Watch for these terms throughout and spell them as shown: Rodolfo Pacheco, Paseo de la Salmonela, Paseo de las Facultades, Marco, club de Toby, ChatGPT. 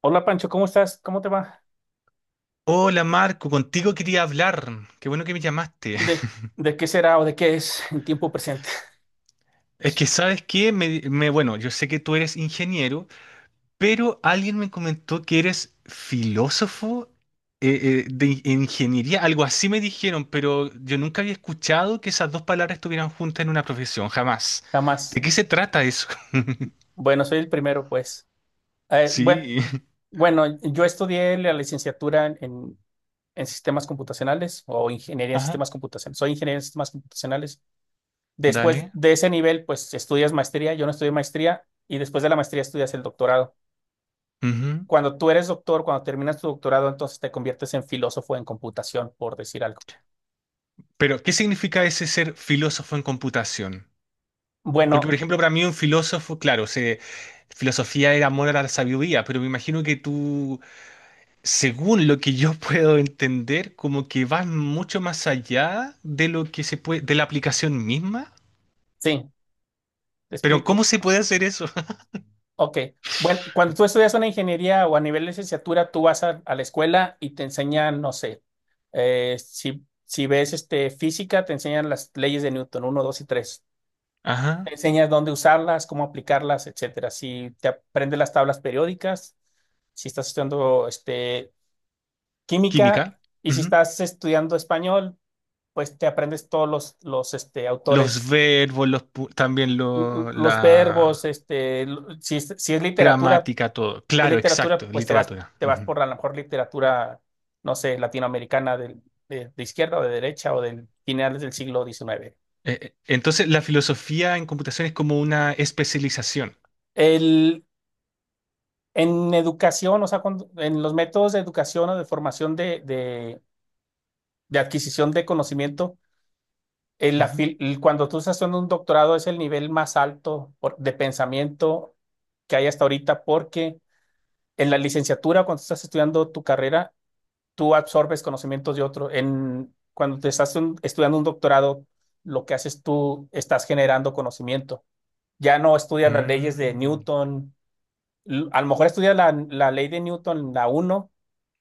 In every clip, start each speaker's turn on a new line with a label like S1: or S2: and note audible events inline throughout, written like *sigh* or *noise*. S1: Hola Pancho, ¿cómo estás? ¿Cómo te va?
S2: Hola Marco, contigo quería hablar. Qué bueno que me llamaste.
S1: ¿De,
S2: *laughs*
S1: de qué será o de qué es en tiempo presente?
S2: Es que
S1: *laughs*
S2: sabes qué, bueno, yo sé que tú eres ingeniero, pero alguien me comentó que eres filósofo de ingeniería, algo así me dijeron, pero yo nunca había escuchado que esas dos palabras estuvieran juntas en una profesión, jamás.
S1: Jamás.
S2: ¿De qué se trata eso? *laughs*
S1: Bueno, soy el primero, pues. Eh, bue-
S2: Sí.
S1: bueno, yo estudié la licenciatura en sistemas computacionales o ingeniería
S2: *laughs*
S1: en
S2: Ajá,
S1: sistemas computacionales. Soy ingeniero en sistemas computacionales. Después
S2: dale.
S1: de ese nivel, pues estudias maestría. Yo no estudié maestría y después de la maestría estudias el doctorado.
S2: Ujú.
S1: Cuando tú eres doctor, cuando terminas tu doctorado, entonces te conviertes en filósofo en computación, por decir algo.
S2: Pero ¿qué significa ese ser filósofo en computación? Porque, por
S1: Bueno,
S2: ejemplo, para mí un filósofo, claro, se, filosofía era amor a la sabiduría, pero me imagino que tú, según lo que yo *laughs* puedo entender, como que vas mucho más allá de lo que se puede, de la aplicación misma.
S1: sí, te
S2: Pero ¿cómo
S1: explico.
S2: se puede hacer eso? *laughs*
S1: Ok. Bueno, cuando tú estudias una ingeniería o a nivel de licenciatura, tú vas a la escuela y te enseñan, no sé, si ves este, física, te enseñan las leyes de Newton, uno, 2 y tres.
S2: Ajá.
S1: Te enseñas dónde usarlas, cómo aplicarlas, etcétera. Si te aprendes las tablas periódicas, si estás estudiando este, química,
S2: Química.
S1: y si
S2: Ujú.
S1: estás estudiando español, pues te aprendes todos los este,
S2: Los
S1: autores,
S2: verbos, también
S1: l- l- los verbos,
S2: la
S1: si es literatura
S2: gramática, todo.
S1: de
S2: Claro,
S1: literatura,
S2: exacto,
S1: pues
S2: literatura.
S1: te vas
S2: Ujú.
S1: por a lo mejor literatura, no sé, latinoamericana de izquierda o de derecha o del finales del siglo XIX.
S2: Entonces, la filosofía en computación es como una especialización.
S1: El, en educación, o sea, en los métodos de educación o de formación de adquisición de conocimiento, el, la
S2: Ujú.
S1: fil- el- cuando tú estás haciendo un doctorado es el nivel más alto de pensamiento que hay hasta ahorita, porque en la licenciatura, cuando estás estudiando tu carrera, tú absorbes conocimientos de otro. Cuando te estás estudiando un doctorado, lo que haces tú, estás generando conocimiento. Ya no estudias las leyes de
S2: Mm.
S1: Newton. A lo mejor estudias la ley de Newton, la uno,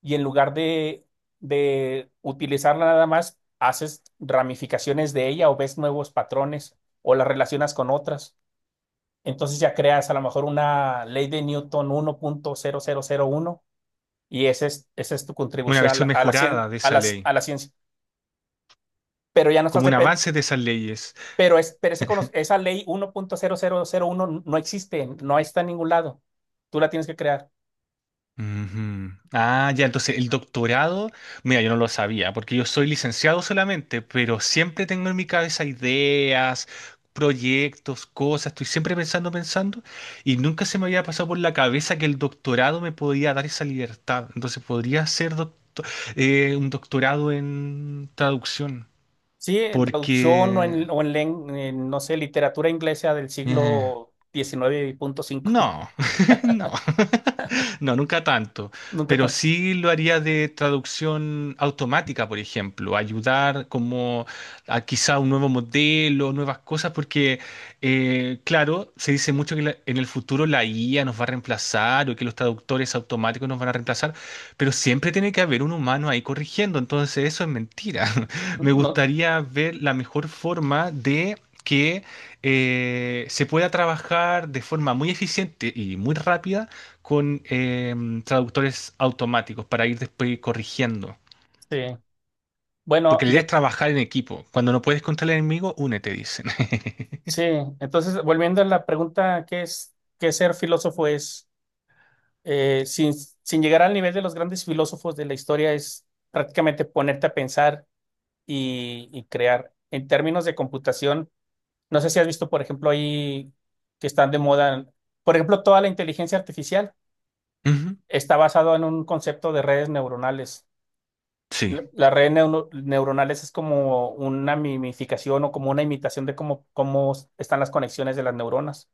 S1: y en lugar de utilizarla nada más, haces ramificaciones de ella o ves nuevos patrones o las relacionas con otras. Entonces ya creas a lo mejor una ley de Newton 1,0001, y esa es tu
S2: Una
S1: contribución
S2: versión
S1: a la, cien-
S2: mejorada de
S1: a
S2: esa
S1: las-
S2: ley,
S1: a la ciencia. Pero ya no estás
S2: como un
S1: depen-
S2: avance de esas leyes.
S1: Pero, es, pero ese cono- esa ley 1,0001 no existe, no está en ningún lado. Tú la tienes que crear.
S2: Ujú. Ah, ya, entonces el doctorado, mira, yo no lo sabía, porque yo soy licenciado solamente, pero siempre tengo en mi cabeza ideas, proyectos, cosas, estoy siempre pensando, pensando, y nunca se me había pasado por la cabeza que el doctorado me podía dar esa libertad. Entonces podría hacer un doctorado en traducción,
S1: Sí, en traducción o
S2: porque...
S1: en, no sé, literatura inglesa del
S2: eh,
S1: siglo diecinueve punto cinco.
S2: no,
S1: *laughs*
S2: *laughs* no, *laughs* no, nunca tanto,
S1: Nunca
S2: pero
S1: tan.
S2: sí lo haría de traducción automática, por ejemplo, ayudar como a quizá un nuevo modelo, nuevas cosas, porque claro, se dice mucho que en el futuro la IA nos va a reemplazar o que los traductores automáticos nos van a reemplazar, pero siempre tiene que haber un humano ahí corrigiendo, entonces eso es mentira. *laughs* Me
S1: No,
S2: gustaría ver la mejor forma de que se pueda trabajar de forma muy eficiente y muy rápida con traductores automáticos para ir después corrigiendo.
S1: sí. Bueno,
S2: Porque la idea es trabajar en equipo. Cuando no puedes contra el enemigo, únete, dicen. *laughs*
S1: sí. Entonces, volviendo a la pregunta, ¿qué ser filósofo es? Sin llegar al nivel de los grandes filósofos de la historia, es prácticamente ponerte a pensar y crear. En términos de computación, no sé si has visto, por ejemplo, ahí que están de moda, por ejemplo, toda la inteligencia artificial
S2: Ujú.
S1: está basado en un concepto de redes neuronales.
S2: Sí.
S1: Las redes neuronales es como una mimificación o como una imitación de cómo están las conexiones de las neuronas.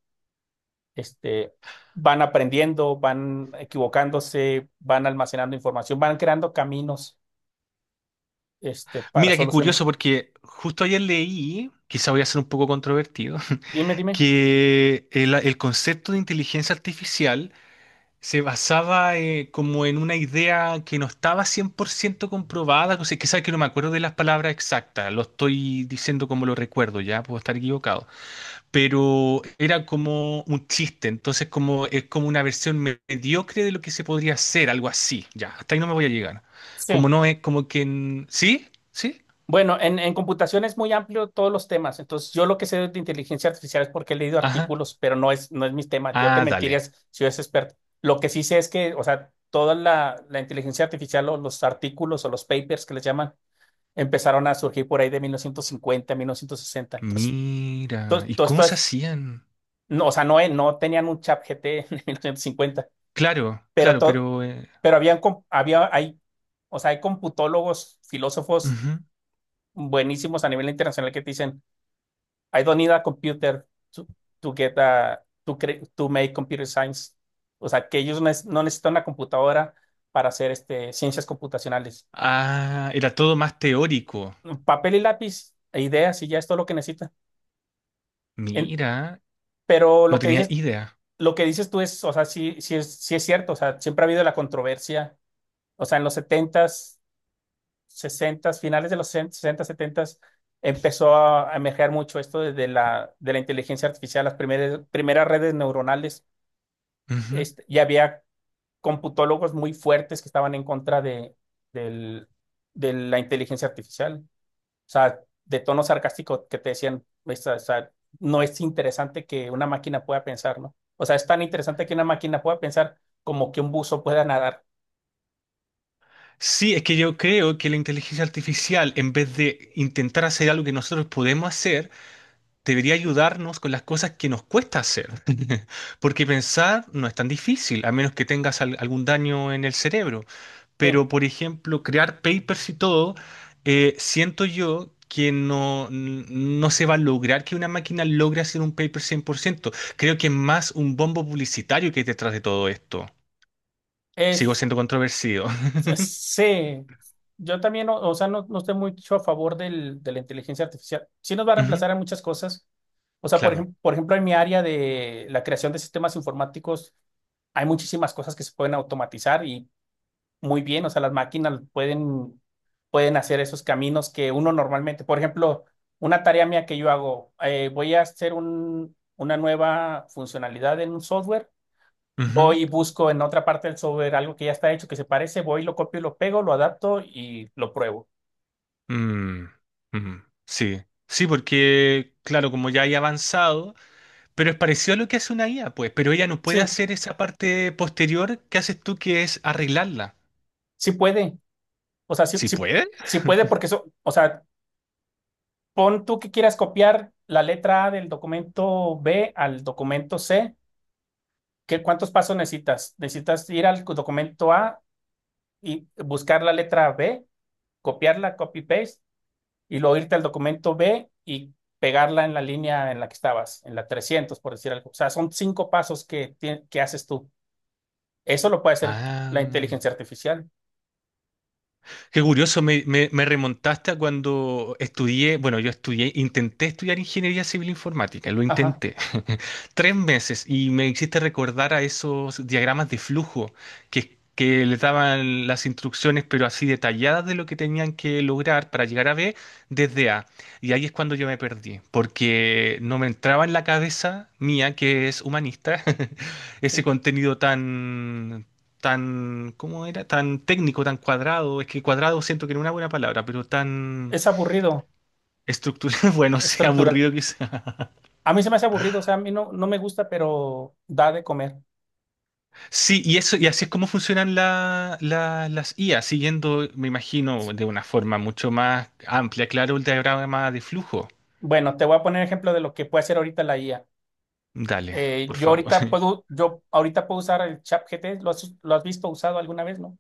S1: Este, van aprendiendo, van equivocándose, van almacenando información, van creando caminos, para
S2: Mira, qué curioso
S1: soluciones.
S2: porque justo ayer leí, quizá voy a ser un poco controvertido,
S1: Dime,
S2: *laughs*
S1: dime.
S2: que el concepto de inteligencia artificial se basaba como en una idea que no estaba 100% comprobada, o sea, quizás que no me acuerdo de las palabras exactas, lo estoy diciendo como lo recuerdo, ya puedo estar equivocado, pero era como un chiste, entonces como es como una versión mediocre de lo que se podría hacer, algo así, ya, hasta ahí no me voy a llegar.
S1: Sí.
S2: Como no es como que, ¿sí? ¿Sí?
S1: Bueno, en computación es muy amplio todos los temas. Entonces, yo lo que sé de inteligencia artificial es porque he leído
S2: Ajá.
S1: artículos, pero no es mis temas. Yo te
S2: Ah, dale.
S1: mentirías si yo es experto. Lo que sí sé es que, o sea, toda la inteligencia artificial o los artículos o los papers que les llaman empezaron a surgir por ahí de 1950, 1960. Entonces,
S2: Mira,
S1: todo,
S2: ¿y
S1: todo
S2: cómo
S1: esto
S2: se
S1: es,
S2: hacían?
S1: no, o sea, no, no tenían un chat GT en *laughs* 1950,
S2: Claro,
S1: pero
S2: claro,
S1: todo,
S2: pero
S1: pero habían, com- había, hay, o sea, hay computólogos, filósofos
S2: ujú.
S1: buenísimos a nivel internacional que te dicen, "I don't need a computer to, to get a, to make computer science." O sea, que ellos no necesitan una computadora para hacer ciencias computacionales.
S2: Ah, era todo más teórico.
S1: Papel y lápiz e ideas y ya es todo lo que necesitan. En-
S2: Mira,
S1: pero
S2: no
S1: lo que
S2: tenía
S1: dices,
S2: idea.
S1: lo que dices tú es, o sea, sí, sí es cierto. O sea, siempre ha habido la controversia. O sea, en los setentas, sesentas, finales de los 60 setentas empezó a emerger mucho esto de la inteligencia artificial, las primeras redes neuronales.
S2: Ujú.
S1: Ya había computólogos muy fuertes que estaban en contra del- de la inteligencia artificial. O sea, de tono sarcástico que te decían, "Pues, o sea, no es interesante que una máquina pueda pensar, ¿no? O sea, es tan interesante que una máquina pueda pensar como que un buzo pueda nadar."
S2: Sí, es que yo creo que la inteligencia artificial, en vez de intentar hacer algo que nosotros podemos hacer, debería ayudarnos con las cosas que nos cuesta hacer. *laughs* Porque pensar no es tan difícil, a menos que tengas algún daño en el cerebro.
S1: Sí,
S2: Pero, por ejemplo, crear papers y todo, siento yo que no, no se va a lograr que una máquina logre hacer un paper 100%. Creo que es más un bombo publicitario que hay detrás de todo esto. Sigo
S1: es,
S2: siendo controversido. *laughs*
S1: sí. Yo también, o sea, no, no estoy mucho a favor de la inteligencia artificial. Sí nos va a
S2: Ujú,
S1: reemplazar en muchas cosas. O sea, por
S2: claro.
S1: ejemplo, por ejemplo, en mi área de la creación de sistemas informáticos, hay muchísimas cosas que se pueden automatizar y muy bien, o sea, las máquinas pueden hacer esos caminos que uno normalmente. Por ejemplo, una tarea mía que yo hago, voy a hacer una nueva funcionalidad en un software,
S2: Ujú.
S1: voy y busco en otra parte del software algo que ya está hecho, que se parece, voy, lo copio y lo pego, lo adapto y lo pruebo.
S2: Mm, mm, sí. Sí, porque, claro, como ya hay avanzado, pero es parecido a lo que hace una IA, pues, pero ella no puede
S1: Sí,
S2: hacer esa parte posterior que haces tú, que es arreglarla.
S1: sí puede, o sea, sí,
S2: ¿Sí
S1: sí,
S2: puede?
S1: sí puede porque eso, o sea, pon tú que quieras copiar la letra A del documento B al documento C. ¿Cuántos pasos necesitas? Necesitas ir al documento A y buscar la letra B, copiarla, copy paste, y luego irte al documento B y pegarla en la línea en la que estabas, en la 300, por decir algo. O sea, son cinco pasos que haces tú. Eso lo puede hacer
S2: Ah,
S1: la inteligencia artificial.
S2: qué curioso, me remontaste a cuando estudié, bueno, yo estudié, intenté estudiar ingeniería civil informática, lo
S1: Ajá,
S2: intenté. 3 meses y me hiciste recordar a esos diagramas de flujo que le daban las instrucciones, pero así detalladas de lo que tenían que lograr para llegar a B desde A. Y ahí es cuando yo me perdí, porque no me entraba en la cabeza mía, que es humanista, *laughs* ese
S1: sí.
S2: contenido tan, tan, ¿cómo era? Tan técnico, tan cuadrado. Es que cuadrado siento que no es una buena palabra, pero tan
S1: Es aburrido,
S2: estructurado, *laughs* bueno, sea
S1: estructura.
S2: aburrido.
S1: A mí se me hace aburrido, o sea, a mí no, no me gusta, pero da de comer.
S2: Sí, y eso, y así es como funcionan las IA, siguiendo, me
S1: Sí.
S2: imagino, de una forma mucho más amplia, claro, el diagrama de flujo.
S1: Bueno, te voy a poner ejemplo de lo que puede hacer ahorita la IA.
S2: Dale,
S1: Eh,
S2: por
S1: yo
S2: favor.
S1: ahorita
S2: *laughs*
S1: puedo, yo ahorita puedo, usar el ChatGPT. ¿Lo has visto usado alguna vez, no?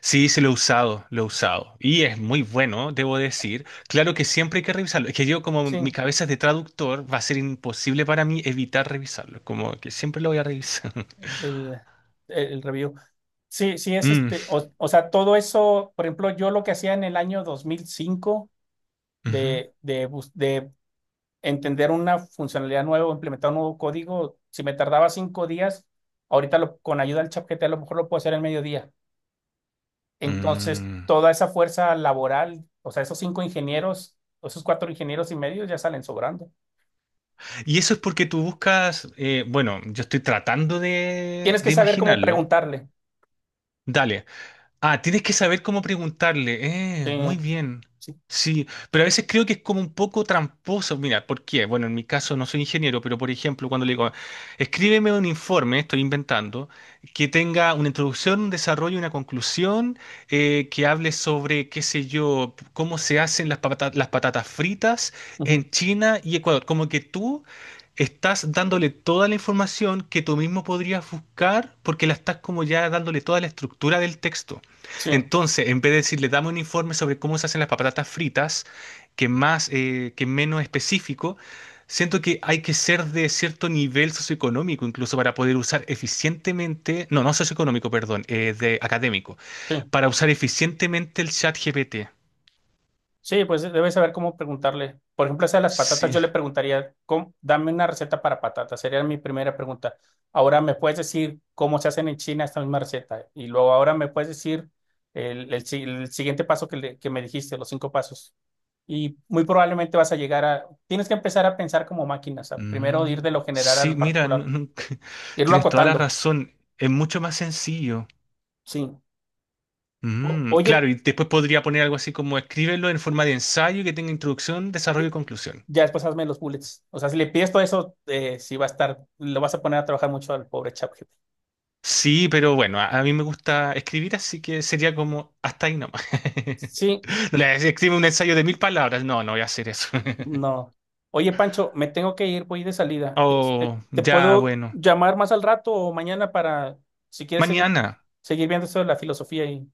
S2: Sí, sí, lo he usado, lo he usado. Y es muy bueno, debo decir. Claro que siempre hay que revisarlo. Es que yo, como
S1: Sí,
S2: mi cabeza es de traductor, va a ser imposible para mí evitar revisarlo. Como que siempre lo voy a revisar. *laughs*
S1: el, el review. Sí, sí,
S2: Mm,
S1: o sea, todo eso, por ejemplo, yo lo que hacía en el año 2005
S2: ujú,
S1: de entender una funcionalidad nueva, o implementar un nuevo código, si me tardaba 5 días, ahorita con ayuda del ChatGPT a lo mejor lo puedo hacer en mediodía. Entonces,
S2: mm.
S1: toda esa fuerza laboral, o sea, esos cinco ingenieros, esos cuatro ingenieros y medio ya salen sobrando.
S2: Y eso es porque tú buscas, bueno, yo estoy tratando de,
S1: Tienes que
S2: de
S1: saber cómo
S2: imaginarlo.
S1: preguntarle.
S2: Dale. Ah, tienes que saber cómo preguntarle. Eh,
S1: Sí,
S2: muy bien.
S1: sí,
S2: Sí, pero a veces creo que es como un poco tramposo. Mira, ¿por qué? Bueno, en mi caso no soy ingeniero, pero por ejemplo, cuando le digo, escríbeme un informe, estoy inventando, que tenga una introducción, un desarrollo y una conclusión, que hable sobre, qué sé yo, cómo se hacen las las patatas fritas
S1: ujú,
S2: en China y Ecuador. Como que tú estás dándole toda la información que tú mismo podrías buscar porque la estás como ya dándole toda la estructura del texto.
S1: sí,
S2: Entonces, en vez de decirle, dame un informe sobre cómo se hacen las patatas fritas, que más, que menos específico, siento que hay que ser de cierto nivel socioeconómico, incluso para poder usar eficientemente, no, no socioeconómico, perdón, de académico,
S1: sí.
S2: para usar eficientemente el chat GPT.
S1: Sí, pues debes saber cómo preguntarle. Por ejemplo, esa de las patatas,
S2: Sí.
S1: yo le preguntaría, dame una receta para patatas. Sería mi primera pregunta. Ahora, ¿me puedes decir cómo se hacen en China esta misma receta? Y luego, ahora, ¿me puedes decir el si- el siguiente paso que me dijiste, los cinco pasos? Y muy probablemente vas a llegar a... Tienes que empezar a pensar como máquinas. Primero
S2: Mm,
S1: ir de lo general a
S2: sí,
S1: lo
S2: mira,
S1: particular.
S2: *laughs*
S1: Irlo
S2: tienes toda la
S1: acotando.
S2: razón. Es mucho más sencillo.
S1: Sí. O-
S2: Mm,
S1: oye.
S2: claro, y después podría poner algo así como escríbelo en forma de ensayo que tenga introducción, desarrollo y conclusión.
S1: Ya después hazme los bullets. O sea, si le pides todo eso, sí va a estar, lo vas a poner a trabajar mucho al pobre ChatGPT.
S2: Sí, pero bueno, a mí me gusta escribir, así que sería como hasta ahí nomás. *laughs*
S1: Sí,
S2: No le voy a decir, escribe un ensayo de 1.000 palabras. No, no voy a hacer eso. *laughs*
S1: no. Oye, Pancho, me tengo que ir, voy de salida.
S2: Oh,
S1: ¿Te
S2: ya,
S1: puedo
S2: bueno.
S1: llamar más al rato o mañana para, si quieres seguir,
S2: Mañana.
S1: seguir viendo esto de la filosofía y...?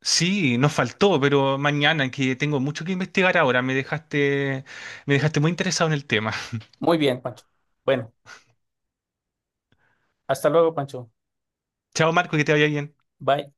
S2: Sí, nos faltó, pero mañana que tengo mucho que investigar ahora. Me dejaste muy interesado en el tema.
S1: Muy bien, Pancho. Bueno, hasta luego, Pancho.
S2: *laughs* Chao, Marco, que te vaya bien.
S1: Bye.